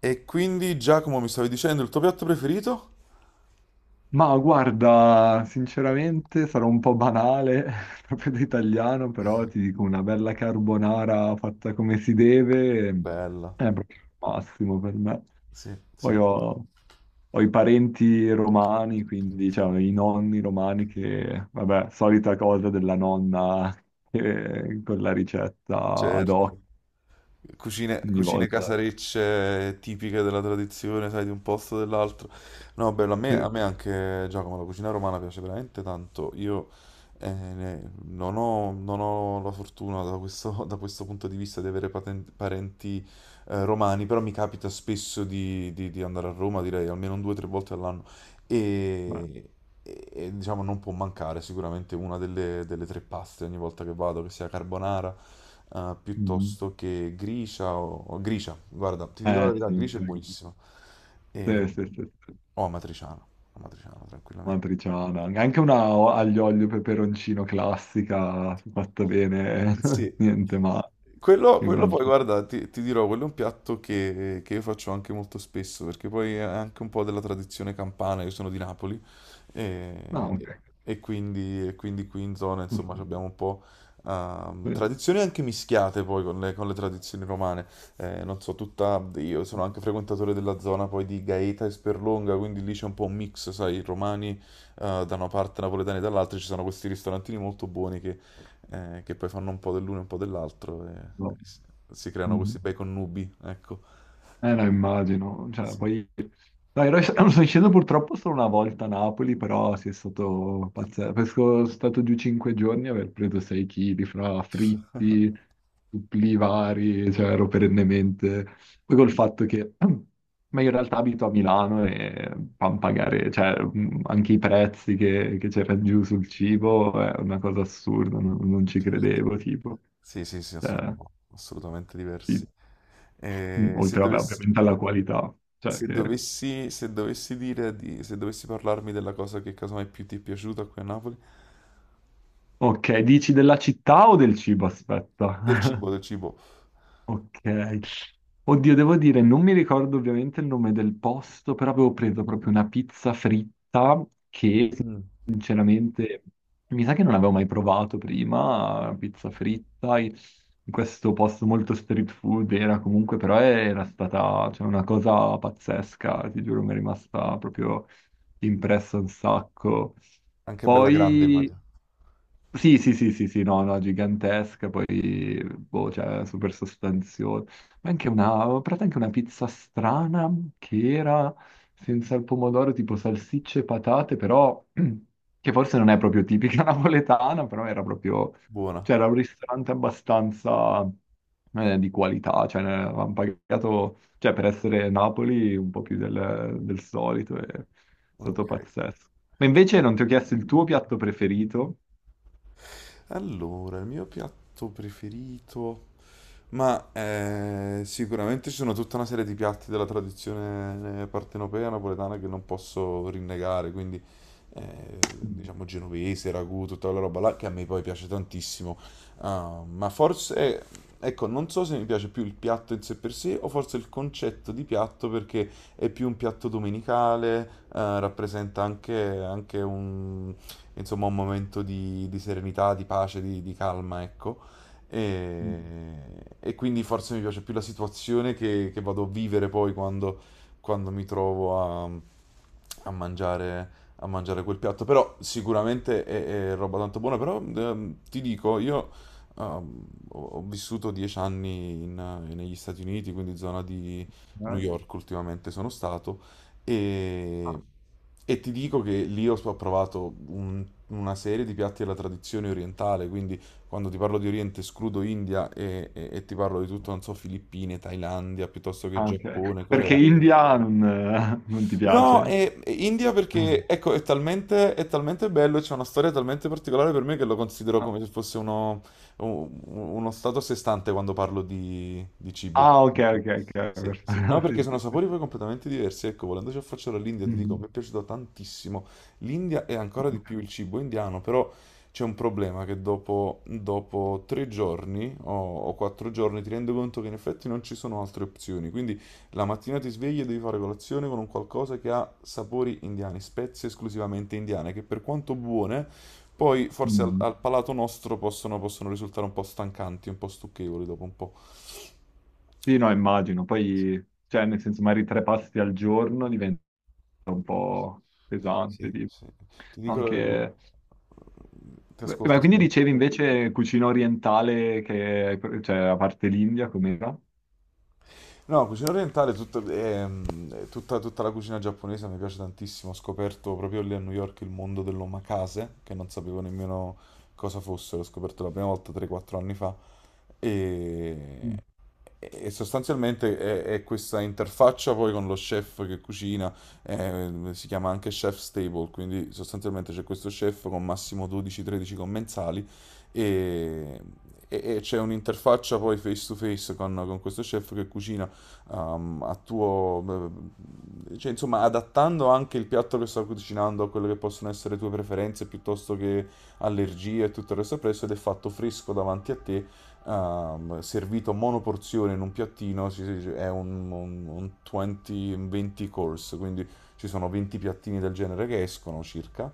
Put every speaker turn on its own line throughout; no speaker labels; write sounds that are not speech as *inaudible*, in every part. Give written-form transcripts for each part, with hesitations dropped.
E quindi, Giacomo, mi stavi dicendo il tuo piatto preferito?
Ma guarda, sinceramente sarò un po' banale, *laughs* proprio da italiano, però ti dico una bella carbonara fatta come si deve
Bella,
è proprio il massimo per me.
sì,
Poi
sì,
ho i parenti romani, quindi cioè, ho i nonni romani che, vabbè, solita cosa della nonna con la ricetta ad
certo.
hoc
Cucine,
ogni
cucine
volta.
casarecce tipiche della tradizione, sai, di un posto o dell'altro. No, bello, a me, a
Sì,
me anche, Giacomo, la cucina romana piace veramente tanto. Io non ho, non ho la fortuna da questo, *laughs* da questo punto di vista di avere parenti romani, però mi capita spesso di, di andare a Roma, direi almeno un due o tre volte all'anno.
beh,
E, e, diciamo non può mancare sicuramente una delle tre paste ogni volta che vado, che sia carbonara
mm.
piuttosto che gricia o gricia. Guarda, ti dico la
Eh
verità,
sì,
gricia è buonissima. E,
sì, sì, sì, sì.
o amatriciana, amatriciana tranquillamente.
Matriciana, aglio olio e peperoncino classica fatta bene,
Sì,
*laughs* niente male in
quello poi
realtà.
guarda, ti dirò, quello è un piatto che io faccio anche molto spesso, perché poi è anche un po' della tradizione campana, io sono di Napoli,
No, ok.
e, e quindi qui in zona, insomma, abbiamo
*laughs*
un po'
Sì,
tradizioni anche mischiate poi con con le tradizioni romane. Non so, tutta, io sono anche frequentatore della zona poi di Gaeta e Sperlonga, quindi lì c'è un po' un mix, sai, i romani da una parte, napoletani dall'altra, ci sono questi ristorantini molto buoni che poi fanno un po' dell'uno e un po' dell'altro e
no.
si si creano
Mhm.
questi bei connubi, ecco.
Eh no, immagino, cioè,
Sì,
poi no, ero, *clears throat* sono sceso *laughs* purtroppo solo una volta a Napoli, però sì, è stato pazzesco. Sono stato giù 5 giorni e aver preso 6 kg fra fritti,
*laughs*
suppli vari, cioè ero perennemente... Poi col fatto che... *clears throat* Ma io in realtà abito a Milano e pan pagare, cioè anche i prezzi che c'erano giù sul cibo è una cosa assurda, non ci
certo.
credevo, tipo.
Sì, sì, sì,
Cioè,
sono assolutamente
sì,
diversi. Eh, se
oltre, vabbè,
dovessi,
ovviamente alla qualità, cioè che...
Se dovessi dire di, se dovessi parlarmi della cosa che casomai più ti è piaciuta qui a Napoli,
Ok, dici della città o del cibo?
del
Aspetta.
cibo, del
*laughs*
cibo.
Ok. Oddio, devo dire, non mi ricordo ovviamente il nome del posto, però avevo preso proprio una pizza fritta che
Mm,
sinceramente mi sa che non avevo mai provato prima, pizza fritta in questo posto molto street food era comunque, però era stata cioè, una cosa pazzesca, ti giuro, mi è rimasta proprio impressa un sacco.
anche bella grande,
Poi
immagino.
sì, sì, sì, sì, sì, no, no, gigantesca, poi, boh, cioè, super sostanziosa. Ma anche una, ho provato anche una pizza strana che era senza il pomodoro, tipo salsicce e patate, però, *clears throat* che forse non è proprio tipica *laughs* napoletana, però era proprio,
Buona.
cioè, era un ristorante abbastanza, di qualità, cioè, ne avevamo pagato, cioè, per essere Napoli, un po' più del solito, e è stato
Ok.
pazzesco. Ma invece non ti ho chiesto il tuo piatto preferito?
Allora, il mio piatto preferito. Ma sicuramente ci sono tutta una serie di piatti della tradizione partenopea napoletana che non posso rinnegare, quindi eh, diciamo genovese, ragù, tutta quella roba là che a me poi piace tantissimo. Ah, ma forse, ecco, non so se mi piace più il piatto in sé per sé o forse il concetto di piatto perché è più un piatto domenicale, rappresenta anche un, insomma, un momento di serenità, di pace, di calma, ecco. E, e quindi forse mi piace più la situazione che vado a vivere poi quando, quando mi trovo a mangiare, a mangiare quel piatto. Però sicuramente è roba tanto buona. Però ti dico, io ho, ho vissuto 10 anni negli Stati Uniti, quindi zona di New
Dai.
York ultimamente sono stato.
Ah,
E, e ti dico che lì ho, ho provato una serie di piatti della tradizione orientale, quindi quando ti parlo di Oriente escludo India e ti parlo di tutto, non so, Filippine, Thailandia, piuttosto che
ah, ok.
Giappone,
Perché
Corea.
India non, non ti
No,
piace?
e India
Mm.
perché, ecco, è talmente bello, e c'è una storia talmente particolare per me che lo considero
Ah,
come se fosse uno stato a sé stante quando parlo di cibo.
ah, ok, ok, ok. Perfetto.
Sì, sì.
*laughs*
No, eh, perché
Sì, sì,
sono
sì.
sapori poi completamente diversi. Ecco, volendoci affacciare all'India, ti dico, mi
Mhm.
è piaciuto tantissimo. L'India e ancora di
Ok.
più il cibo indiano, però c'è un problema che dopo, dopo 3 giorni o 4 giorni ti rendi conto che in effetti non ci sono altre opzioni. Quindi la mattina ti svegli e devi fare colazione con un qualcosa che ha sapori indiani, spezie esclusivamente indiane, che per quanto buone, poi forse
Mm.
al palato nostro possono, possono risultare un po' stancanti, un po' stucchevoli dopo un po'.
Sì, no, immagino. Poi, cioè, nel senso, magari 3 pasti al giorno diventa un po' pesante.
Sì,
Tipo.
sì. Ti dico,
Anche...
ti
Beh, ma
ascolto,
quindi
scusa.
dicevi invece cucina orientale, che, cioè, a parte l'India, com'era?
No, cucina orientale, tutta, tutta la cucina giapponese mi piace tantissimo. Ho scoperto proprio lì a New York il mondo dell'omakase, che non sapevo nemmeno cosa fosse, l'ho scoperto la prima volta 3-4 anni fa. E,
Mm.
e sostanzialmente è questa interfaccia poi con lo chef che cucina, si chiama anche chef stable, quindi sostanzialmente c'è questo chef con massimo 12-13 commensali e, e c'è un'interfaccia poi face to face con questo chef che cucina um, a tuo, cioè, insomma, adattando anche il piatto che sto cucinando a quelle che possono essere le tue preferenze piuttosto che allergie e tutto il resto presso ed è fatto fresco davanti a te, servito monoporzione in un piattino, è un 20, un 20 course, quindi ci sono 20 piattini del genere che escono circa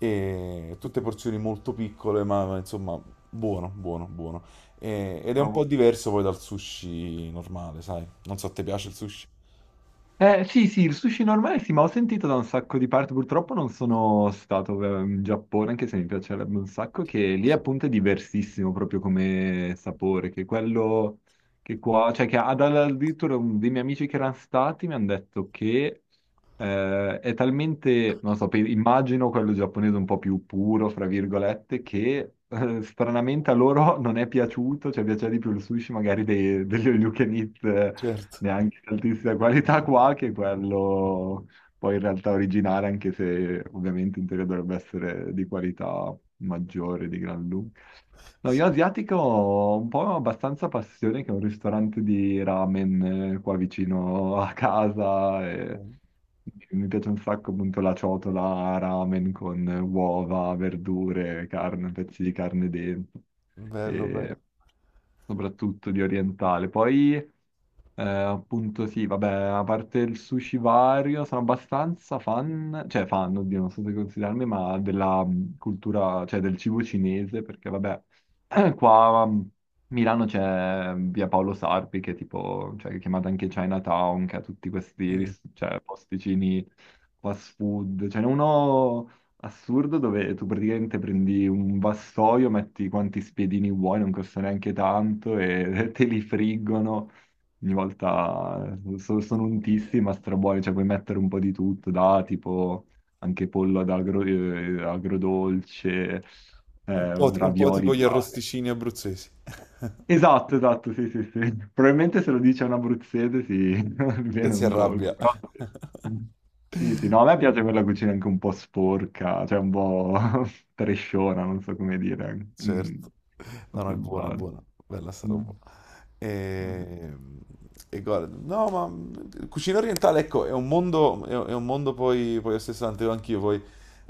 e tutte porzioni molto piccole, ma insomma, buono, buono, buono. Ed è un
Bravo.
po' diverso poi dal sushi normale, sai? Non so, ti piace il sushi?
Sì, sì, il sushi normale sì, ma ho sentito da un sacco di parti, purtroppo non sono stato in Giappone, anche se mi piacerebbe un sacco, che lì
Sì.
appunto è diversissimo proprio come sapore, che quello che qua, cioè che addirittura dei miei amici che erano stati mi hanno detto che è talmente, non so, immagino quello giapponese un po' più puro, fra virgolette, che stranamente a loro non è piaciuto, cioè piaceva di più il sushi magari degli all you can eat,
Certo,
neanche di altissima qualità *laughs* qua, che è quello poi in realtà originale, anche se ovviamente in teoria dovrebbe essere di qualità maggiore di gran lunga. No, io
sì.
asiatico ho un po' abbastanza passione che è un ristorante di ramen qua vicino *laughs* a casa e mi piace un sacco appunto la ciotola ramen con uova, verdure, carne, pezzi di carne dentro
Bello, bello.
e soprattutto di orientale. Poi appunto sì, vabbè, a parte il sushi vario, sono abbastanza fan, cioè fan, oddio, non so se considerarmi, ma della cultura, cioè del cibo cinese, perché vabbè, *clears throat* qua a Milano c'è mm, via Paolo Sarpi, che è tipo, cioè che è chiamata anche Chinatown, che ha tutti questi
Mm.
cioè, posticini fast food, ce n'è uno assurdo dove tu praticamente prendi un vassoio, metti quanti spiedini vuoi, non costa neanche tanto e *laughs* te li friggono ogni volta sono un tissy ma strabuoni, cioè puoi mettere un po' di tutto, da tipo anche pollo agrodolce,
Un po', un po'
ravioli.
tipo gli
Varie.
arrosticini abruzzesi.
Esatto, esatto, sì, sì, sì. Probabilmente se lo dice un abruzzese sì, *laughs* mi
E
viene
si
un colpo,
arrabbia.
però sì. Sì, sì, no, a me piace quella cucina anche un po' sporca, cioè un po' *laughs* tresciona, non so come dire. Mm,
Certo. No,
non
no,
so se
è buona, è
sbaglio.
buona. Bella sta
Mm.
roba. E, e guarda, no, ma cucina orientale, ecco, è un mondo, è un mondo poi, poi a sé stante, anch'io poi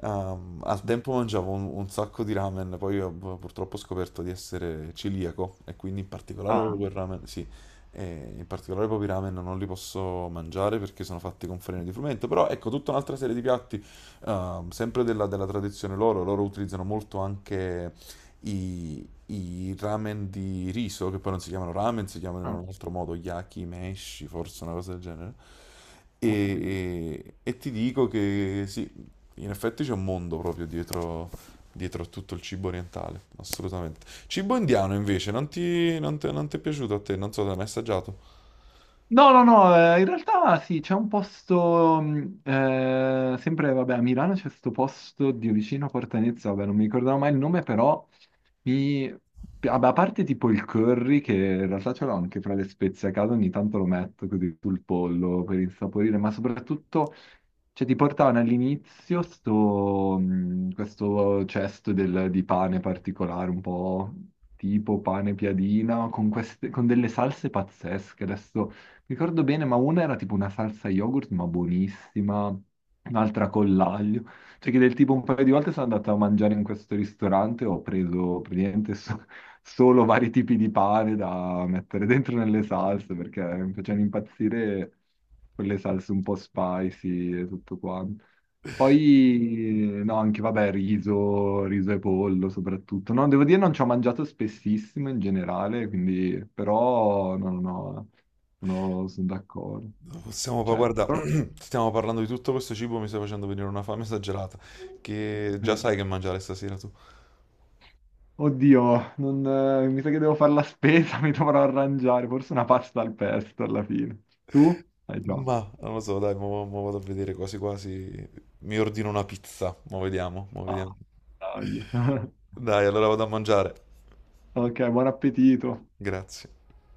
al tempo mangiavo un sacco di ramen, poi ho purtroppo ho scoperto di essere celiaco e quindi in particolare proprio
Ah,
quel ramen, sì, e in particolare proprio i ramen non li posso mangiare perché sono fatti con farina di frumento, però ecco, tutta un'altra serie di piatti, sempre della tradizione loro, loro utilizzano molto anche i ramen di riso, che poi non si chiamano ramen, si chiamano in
ah,
un altro modo yakimeshi, forse una cosa del genere.
ah.
E ti dico che sì, in effetti c'è un mondo proprio dietro, dietro a tutto il cibo orientale, assolutamente. Cibo indiano invece, non ti, non ti è piaciuto a te? Non so, te l'hai mai assaggiato?
No, no, no, in realtà sì, c'è un posto, sempre, vabbè, a Milano c'è questo posto di vicino a Portanezza, vabbè, non mi ricordavo mai il nome, però mi... Vabbè, a parte tipo il curry, che in realtà ce l'ho anche fra le spezie a casa, ogni tanto lo metto così sul pollo per insaporire, ma soprattutto, cioè, ti portavano all'inizio sto, questo cesto di pane particolare, un po' tipo pane piadina, con, queste, con delle salse pazzesche, adesso ricordo bene, ma una era tipo una salsa yogurt, ma buonissima, un'altra con l'aglio. Cioè che del tipo un paio di volte sono andato a mangiare in questo ristorante, ho preso praticamente solo vari tipi di pane da mettere dentro nelle salse, perché mi facevano impazzire quelle salse un po' spicy e tutto quanto. Poi, no, anche vabbè, riso, riso e pollo soprattutto. No, devo dire non ci ho mangiato spessissimo in generale, quindi, però, no, no, no. Sono, sono d'accordo.
Possiamo,
Cioè,
guarda,
però
*clears throat* stiamo parlando di tutto questo cibo, mi stai facendo venire una fame esagerata, che già
eh,
sai che mangiare stasera tu.
oddio, non, mi sa che devo fare la spesa, *laughs* mi dovrò arrangiare. Forse una pasta al pesto alla fine. Tu? Hai già.
Ma non lo so, dai, mo vado a vedere quasi quasi. Mi ordino una pizza, mo vediamo, mo vediamo.
Ah, dai. *laughs*
Dai, allora vado a mangiare.
Ok, buon appetito.
Grazie.